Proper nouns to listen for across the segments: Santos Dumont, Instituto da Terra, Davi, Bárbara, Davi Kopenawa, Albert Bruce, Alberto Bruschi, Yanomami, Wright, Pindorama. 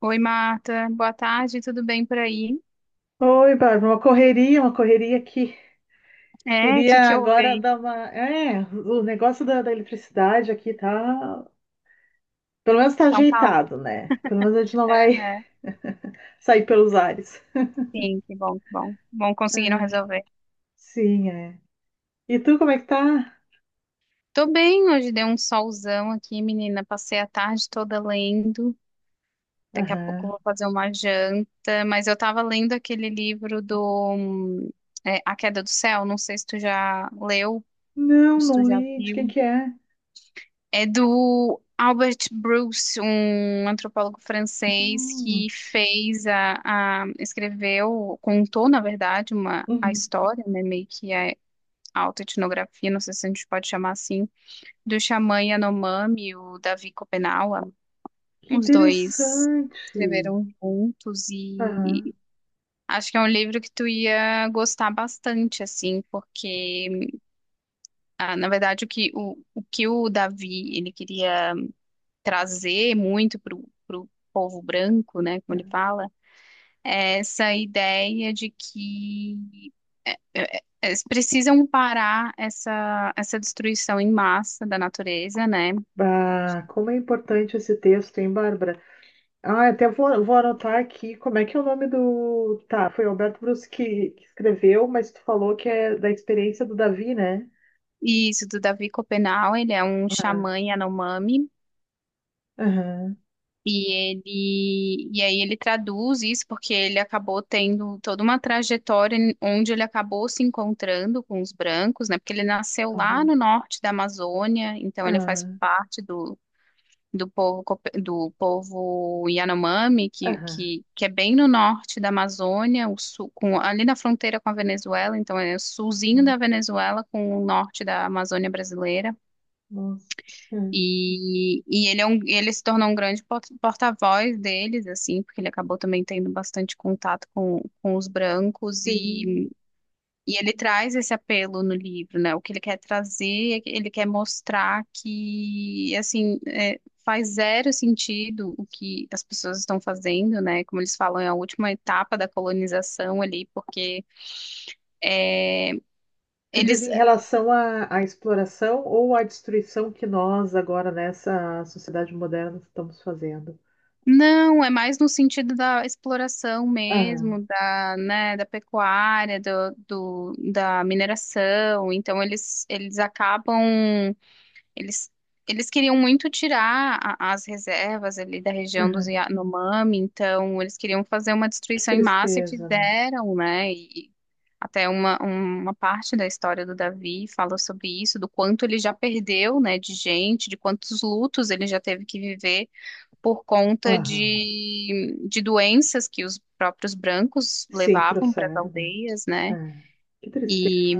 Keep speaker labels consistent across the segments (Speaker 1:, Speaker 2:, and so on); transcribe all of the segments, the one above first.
Speaker 1: Oi, Marta. Boa tarde, tudo bem por aí?
Speaker 2: Oi, Bárbara, uma correria aqui.
Speaker 1: É, o que
Speaker 2: Queria
Speaker 1: que houve
Speaker 2: agora
Speaker 1: aí?
Speaker 2: dar uma. O negócio da eletricidade aqui tá. Pelo menos tá
Speaker 1: Tá um caos?
Speaker 2: ajeitado, né? Pelo menos a gente não vai
Speaker 1: Aham.
Speaker 2: sair pelos ares.
Speaker 1: Sim, que bom, que bom. Bom, conseguiram resolver.
Speaker 2: Sim, é. E tu, como é que tá?
Speaker 1: Tô bem, hoje deu um solzão aqui, menina. Passei a tarde toda lendo. Daqui a pouco eu
Speaker 2: Aham.
Speaker 1: vou fazer uma janta, mas eu tava lendo aquele livro do é, A Queda do Céu. Não sei se tu já leu,
Speaker 2: Não,
Speaker 1: se tu
Speaker 2: não
Speaker 1: já
Speaker 2: li. De quem
Speaker 1: viu.
Speaker 2: que é?
Speaker 1: É do Albert Bruce, um antropólogo francês
Speaker 2: Hum.
Speaker 1: que fez escreveu, contou, na verdade, uma a
Speaker 2: Uhum.
Speaker 1: história, né, meio que a autoetnografia, não sei se a gente pode chamar assim, do xamã Yanomami, o Davi Kopenawa.
Speaker 2: Que
Speaker 1: Os dois
Speaker 2: interessante.
Speaker 1: escreveram juntos
Speaker 2: Aham.
Speaker 1: e acho que é um livro que tu ia gostar bastante, assim, porque na verdade, o que o Davi ele queria trazer muito para o povo branco, né, como ele fala, é essa ideia de que eles precisam parar essa destruição em massa da natureza, né?
Speaker 2: Bah, como é importante esse texto, hein, Bárbara? Ah, até vou anotar aqui como é que é o nome do. Tá, foi o Alberto Bruschi que escreveu, mas tu falou que é da experiência do Davi, né?
Speaker 1: E isso do Davi Copenau, ele é um
Speaker 2: Ah.
Speaker 1: xamã Yanomami.
Speaker 2: Aham,
Speaker 1: E ele, e aí ele traduz isso porque ele acabou tendo toda uma trajetória onde ele acabou se encontrando com os brancos, né? Porque ele nasceu lá
Speaker 2: aham,
Speaker 1: no norte da Amazônia, então ele faz
Speaker 2: aham,
Speaker 1: parte do, do povo Yanomami,
Speaker 2: aham,
Speaker 1: que é bem no norte da Amazônia, o sul, com, ali na fronteira com a Venezuela, então é o sulzinho
Speaker 2: aham.
Speaker 1: da Venezuela com o norte da Amazônia brasileira.
Speaker 2: Nossa. Hum.
Speaker 1: E ele, é um, ele se tornou um grande porta-voz deles, assim, porque ele acabou também tendo bastante contato com os brancos
Speaker 2: Sim.
Speaker 1: e ele traz esse apelo no livro, né? O que ele quer trazer, é que ele quer mostrar que, assim, é, faz zero sentido o que as pessoas estão fazendo, né? Como eles falam, é a última etapa da colonização ali, porque é,
Speaker 2: Tu diz
Speaker 1: eles
Speaker 2: em relação à exploração ou à destruição que nós agora nessa sociedade moderna estamos fazendo?
Speaker 1: não, é mais no sentido da exploração
Speaker 2: Aham,
Speaker 1: mesmo, da, né, da pecuária, da mineração. Então eles acabam Eles, eles queriam muito tirar as reservas ali da região dos
Speaker 2: aham.
Speaker 1: Yanomami, então eles queriam fazer uma
Speaker 2: Que
Speaker 1: destruição em massa e
Speaker 2: tristeza, né?
Speaker 1: fizeram, né? E até uma parte da história do Davi fala sobre isso, do quanto ele já perdeu, né, de gente, de quantos lutos ele já teve que viver por conta
Speaker 2: Aham.
Speaker 1: de doenças que os próprios brancos
Speaker 2: Sim,
Speaker 1: levavam para as
Speaker 2: trouxeram, né?
Speaker 1: aldeias, né?
Speaker 2: É. Que tristeza.
Speaker 1: E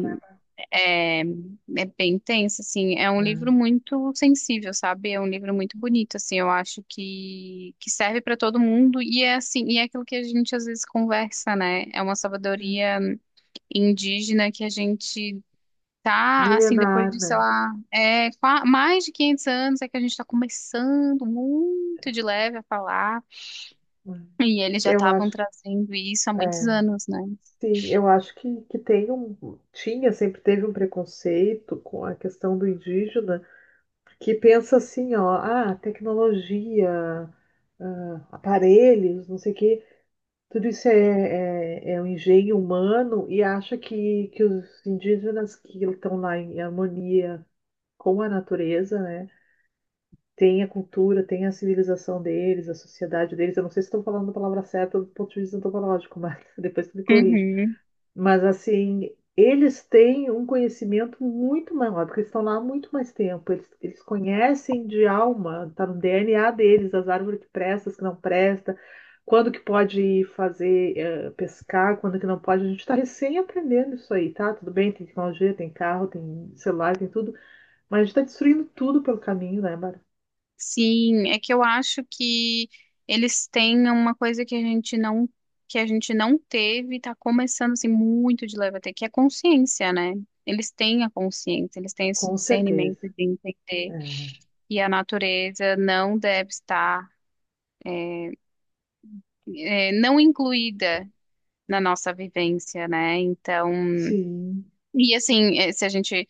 Speaker 1: é, é bem tenso, assim. É um livro muito sensível, sabe? É um livro muito bonito, assim. Eu acho que serve para todo mundo e é assim, e é aquilo que a gente às vezes conversa, né? É uma
Speaker 2: Ah.
Speaker 1: sabedoria indígena que a gente tá, assim, depois
Speaker 2: Milenar,
Speaker 1: de, sei
Speaker 2: né?
Speaker 1: lá, mais de 500 anos é que a gente está começando muito de leve a falar
Speaker 2: Hum.
Speaker 1: e eles já
Speaker 2: Eu
Speaker 1: estavam
Speaker 2: acho,
Speaker 1: trazendo isso há muitos
Speaker 2: é,
Speaker 1: anos, né?
Speaker 2: sim, eu acho que tem um, tinha, sempre teve um preconceito com a questão do indígena, que pensa assim, ó, ah, tecnologia, ah, aparelhos, não sei o quê, tudo isso é um engenho humano e acha que os indígenas que estão lá em harmonia com a natureza, né? Tem a cultura, tem a civilização deles, a sociedade deles. Eu não sei se estou falando a palavra certa do ponto de vista antropológico, mas depois tu me corrige.
Speaker 1: Uhum.
Speaker 2: Mas assim, eles têm um conhecimento muito maior, porque eles estão lá há muito mais tempo. Eles conhecem de alma, está no DNA deles, as árvores que prestam, as que não prestam, quando que pode ir fazer pescar, quando que não pode. A gente está recém aprendendo isso aí, tá? Tudo bem, tem tecnologia, tem carro, tem celular, tem tudo, mas a gente está destruindo tudo pelo caminho, né, Bárbara?
Speaker 1: Sim, é que eu acho que eles têm uma coisa que a gente não, que a gente não teve e tá começando assim muito de leve até que é consciência, né? Eles têm a consciência, eles têm esse
Speaker 2: Com certeza.
Speaker 1: discernimento de entender
Speaker 2: É.
Speaker 1: que a natureza não deve estar não incluída na nossa vivência, né? Então,
Speaker 2: Sim.
Speaker 1: e assim, se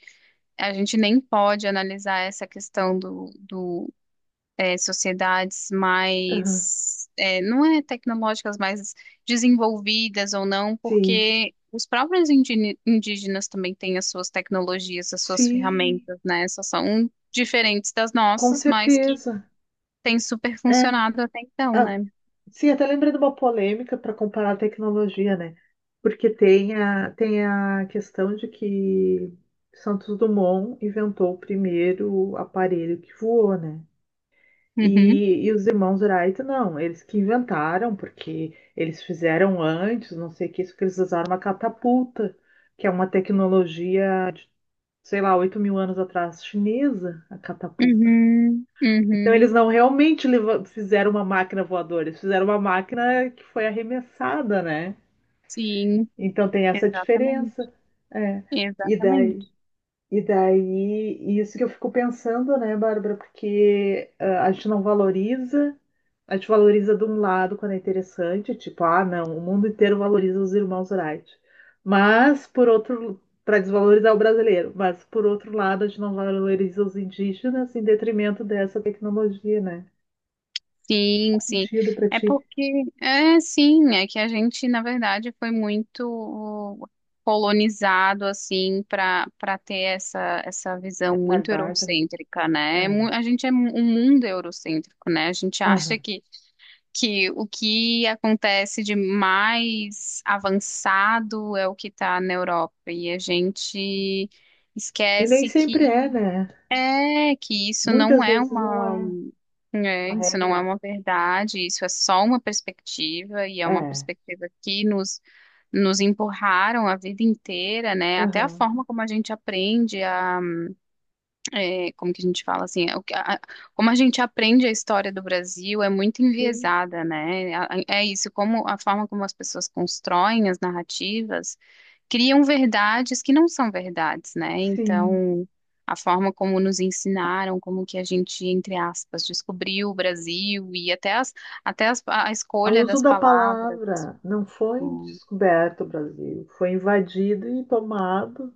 Speaker 1: a gente nem pode analisar essa questão do é, sociedades
Speaker 2: Aham.
Speaker 1: mais, é, não é tecnológicas, mais desenvolvidas ou não,
Speaker 2: Sim.
Speaker 1: porque os próprios indígenas também têm as suas tecnologias, as suas
Speaker 2: Sim.
Speaker 1: ferramentas, né? Só são diferentes das
Speaker 2: Com
Speaker 1: nossas, mas que
Speaker 2: certeza.
Speaker 1: têm super
Speaker 2: É.
Speaker 1: funcionado até então,
Speaker 2: Ah,
Speaker 1: né?
Speaker 2: sim, até lembrei de uma polêmica para comparar a tecnologia, né? Porque tem a questão de que Santos Dumont inventou o primeiro aparelho que voou, né?
Speaker 1: Uhum,
Speaker 2: E os irmãos Wright, não, eles que inventaram, porque eles fizeram antes, não sei o que, isso que eles usaram uma catapulta, que é uma tecnologia sei lá, 8 mil anos atrás, chinesa, a catapulta.
Speaker 1: uhum,
Speaker 2: Então eles
Speaker 1: uhum.
Speaker 2: não realmente fizeram uma máquina voadora, eles fizeram uma máquina que foi arremessada, né?
Speaker 1: Sim,
Speaker 2: Então tem essa
Speaker 1: exatamente,
Speaker 2: diferença. É. E daí,
Speaker 1: exatamente.
Speaker 2: isso que eu fico pensando, né, Bárbara, porque ah, a gente não valoriza a gente valoriza de um lado quando é interessante, tipo, ah, não, o mundo inteiro valoriza os irmãos Wright. Mas, por outro, para desvalorizar o brasileiro, mas por outro lado, a gente não valoriza os indígenas em detrimento dessa tecnologia, né?
Speaker 1: Sim,
Speaker 2: Faz
Speaker 1: sim.
Speaker 2: sentido para
Speaker 1: É
Speaker 2: ti,
Speaker 1: porque, é sim, é que a gente, na verdade, foi muito colonizado, assim, para ter essa, essa visão muito
Speaker 2: mentalidade, né?
Speaker 1: eurocêntrica, né? É mu-
Speaker 2: É.
Speaker 1: A gente é mu- um mundo eurocêntrico, né? A gente acha
Speaker 2: Aham.
Speaker 1: que o que acontece de mais avançado é o que está na Europa, e a gente
Speaker 2: E nem
Speaker 1: esquece
Speaker 2: sempre é,
Speaker 1: que
Speaker 2: né?
Speaker 1: é que isso não
Speaker 2: Muitas
Speaker 1: é
Speaker 2: vezes não
Speaker 1: uma,
Speaker 2: é uma
Speaker 1: é, isso não é
Speaker 2: regra.
Speaker 1: uma verdade, isso é só uma perspectiva e é uma
Speaker 2: É.
Speaker 1: perspectiva que nos empurraram a vida inteira, né? Até a
Speaker 2: Aham.
Speaker 1: forma como a gente aprende é, como que a gente fala assim, é o que- a- como a gente aprende a história do Brasil é muito
Speaker 2: Sim,
Speaker 1: enviesada, né? É isso, como a forma como as pessoas constroem as narrativas criam verdades que não são verdades, né?
Speaker 2: sim.
Speaker 1: Então, a forma como nos ensinaram, como que a gente, entre aspas, descobriu o Brasil e até as, a
Speaker 2: O
Speaker 1: escolha
Speaker 2: uso
Speaker 1: das
Speaker 2: da
Speaker 1: palavras.
Speaker 2: palavra não foi
Speaker 1: Hum,
Speaker 2: descoberto o Brasil, foi invadido e tomado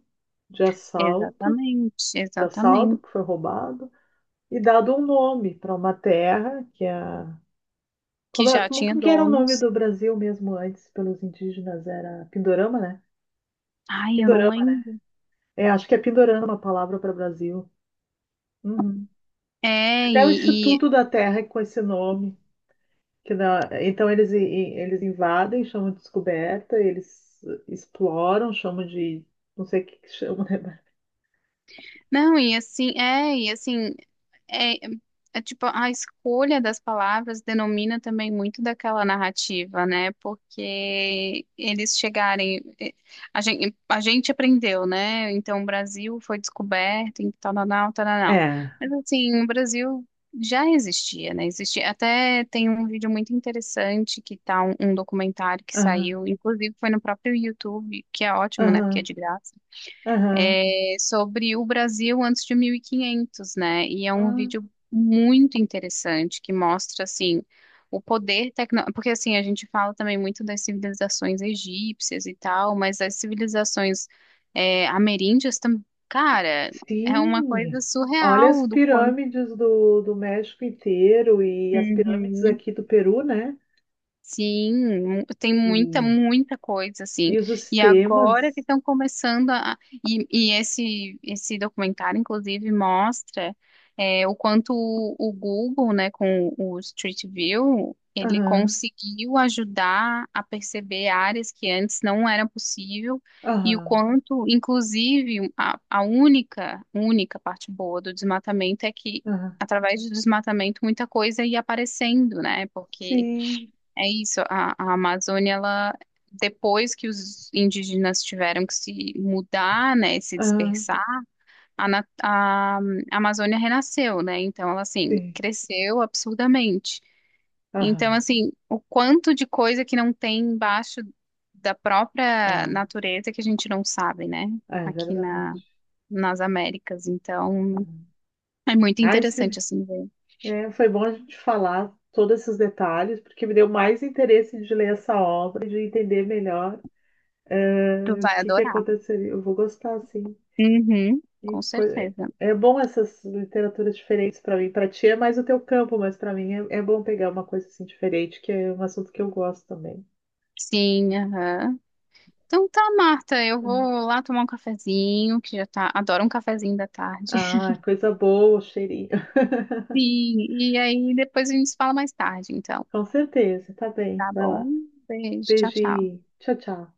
Speaker 2: de assalto,
Speaker 1: exatamente,
Speaker 2: de assalto
Speaker 1: exatamente.
Speaker 2: que foi roubado e dado um nome para uma terra que é
Speaker 1: Que
Speaker 2: como,
Speaker 1: já tinha
Speaker 2: como que era o nome
Speaker 1: donos.
Speaker 2: do Brasil mesmo antes pelos indígenas era Pindorama, né?
Speaker 1: Ai, eu não
Speaker 2: Pindorama, né?
Speaker 1: lembro.
Speaker 2: É, acho que é Pindorama a palavra para Brasil. Uhum.
Speaker 1: É,
Speaker 2: Até o
Speaker 1: e,
Speaker 2: Instituto da Terra é com esse nome. Que então eles, eles invadem, chamam de descoberta, eles exploram, chamam de. Não sei o que que chamam, né?
Speaker 1: não, e assim, é, é tipo, a escolha das palavras denomina também muito daquela narrativa, né? Porque eles chegarem, a gente aprendeu, né? Então, o Brasil foi descoberto em tal, tal, tal, tal, tal.
Speaker 2: É.
Speaker 1: Mas assim, o Brasil já existia, né? Existia, até tem um vídeo muito interessante que tá um, um documentário que
Speaker 2: Aham,
Speaker 1: saiu, inclusive foi no próprio YouTube, que é ótimo, né? Porque é
Speaker 2: aham,
Speaker 1: de graça
Speaker 2: aham.
Speaker 1: é, sobre o Brasil antes de 1500, né? E é um
Speaker 2: Ah.
Speaker 1: vídeo muito interessante que mostra, assim, o poder tecnológico. Porque, assim, a gente fala também muito das civilizações egípcias e tal, mas as civilizações é, ameríndias também. Cara, é uma
Speaker 2: Sim!
Speaker 1: coisa
Speaker 2: Olha as
Speaker 1: surreal do quanto.
Speaker 2: pirâmides do México inteiro e as pirâmides
Speaker 1: Uhum.
Speaker 2: aqui do Peru, né?
Speaker 1: Sim, mu- tem muita,
Speaker 2: E,
Speaker 1: muita coisa, assim.
Speaker 2: e os
Speaker 1: E agora que
Speaker 2: sistemas.
Speaker 1: estão começando a. E esse documentário, inclusive, mostra é, o quanto o Google, né, com o Street View, ele
Speaker 2: Aham,
Speaker 1: conseguiu ajudar a perceber áreas que antes não era possível, e o
Speaker 2: aham,
Speaker 1: quanto, inclusive, a única, única parte boa do desmatamento é que,
Speaker 2: aham.
Speaker 1: através do desmatamento, muita coisa ia aparecendo, né? Porque
Speaker 2: Sim,
Speaker 1: é isso, a Amazônia, ela, depois que os indígenas tiveram que se mudar, né, e se
Speaker 2: aham,
Speaker 1: dispersar, a Amazônia renasceu, né? Então, ela, assim,
Speaker 2: sim.
Speaker 1: cresceu absurdamente. Então,
Speaker 2: Aham,
Speaker 1: assim, o quanto de coisa que não tem embaixo da própria
Speaker 2: ah,
Speaker 1: natureza que a gente não sabe, né?
Speaker 2: é
Speaker 1: Aqui
Speaker 2: verdade.
Speaker 1: na, nas Américas. Então,
Speaker 2: Aham.
Speaker 1: é muito
Speaker 2: Ai,
Speaker 1: interessante,
Speaker 2: se.
Speaker 1: assim, ver.
Speaker 2: É, foi bom a gente falar todos esses detalhes, porque me deu mais interesse de ler essa obra e de entender melhor,
Speaker 1: Tu
Speaker 2: o
Speaker 1: vai
Speaker 2: que que
Speaker 1: adorar.
Speaker 2: aconteceria. Eu vou gostar, sim.
Speaker 1: Uhum,
Speaker 2: E
Speaker 1: com
Speaker 2: co-.
Speaker 1: certeza.
Speaker 2: É bom essas literaturas diferentes para mim. Para ti é mais o teu campo, mas para mim é bom pegar uma coisa assim diferente, que é um assunto que eu gosto também.
Speaker 1: Sim, aham. Então tá, Marta, eu
Speaker 2: Hum.
Speaker 1: vou lá tomar um cafezinho, que já tá, adoro um cafezinho da tarde.
Speaker 2: Ah, coisa boa, cheirinho.
Speaker 1: Sim, e aí depois a gente se fala mais tarde, então.
Speaker 2: Com certeza, tá bem.
Speaker 1: Tá
Speaker 2: Vai
Speaker 1: bom?
Speaker 2: lá.
Speaker 1: Beijo, tchau, tchau.
Speaker 2: Beijinho. Tchau, tchau.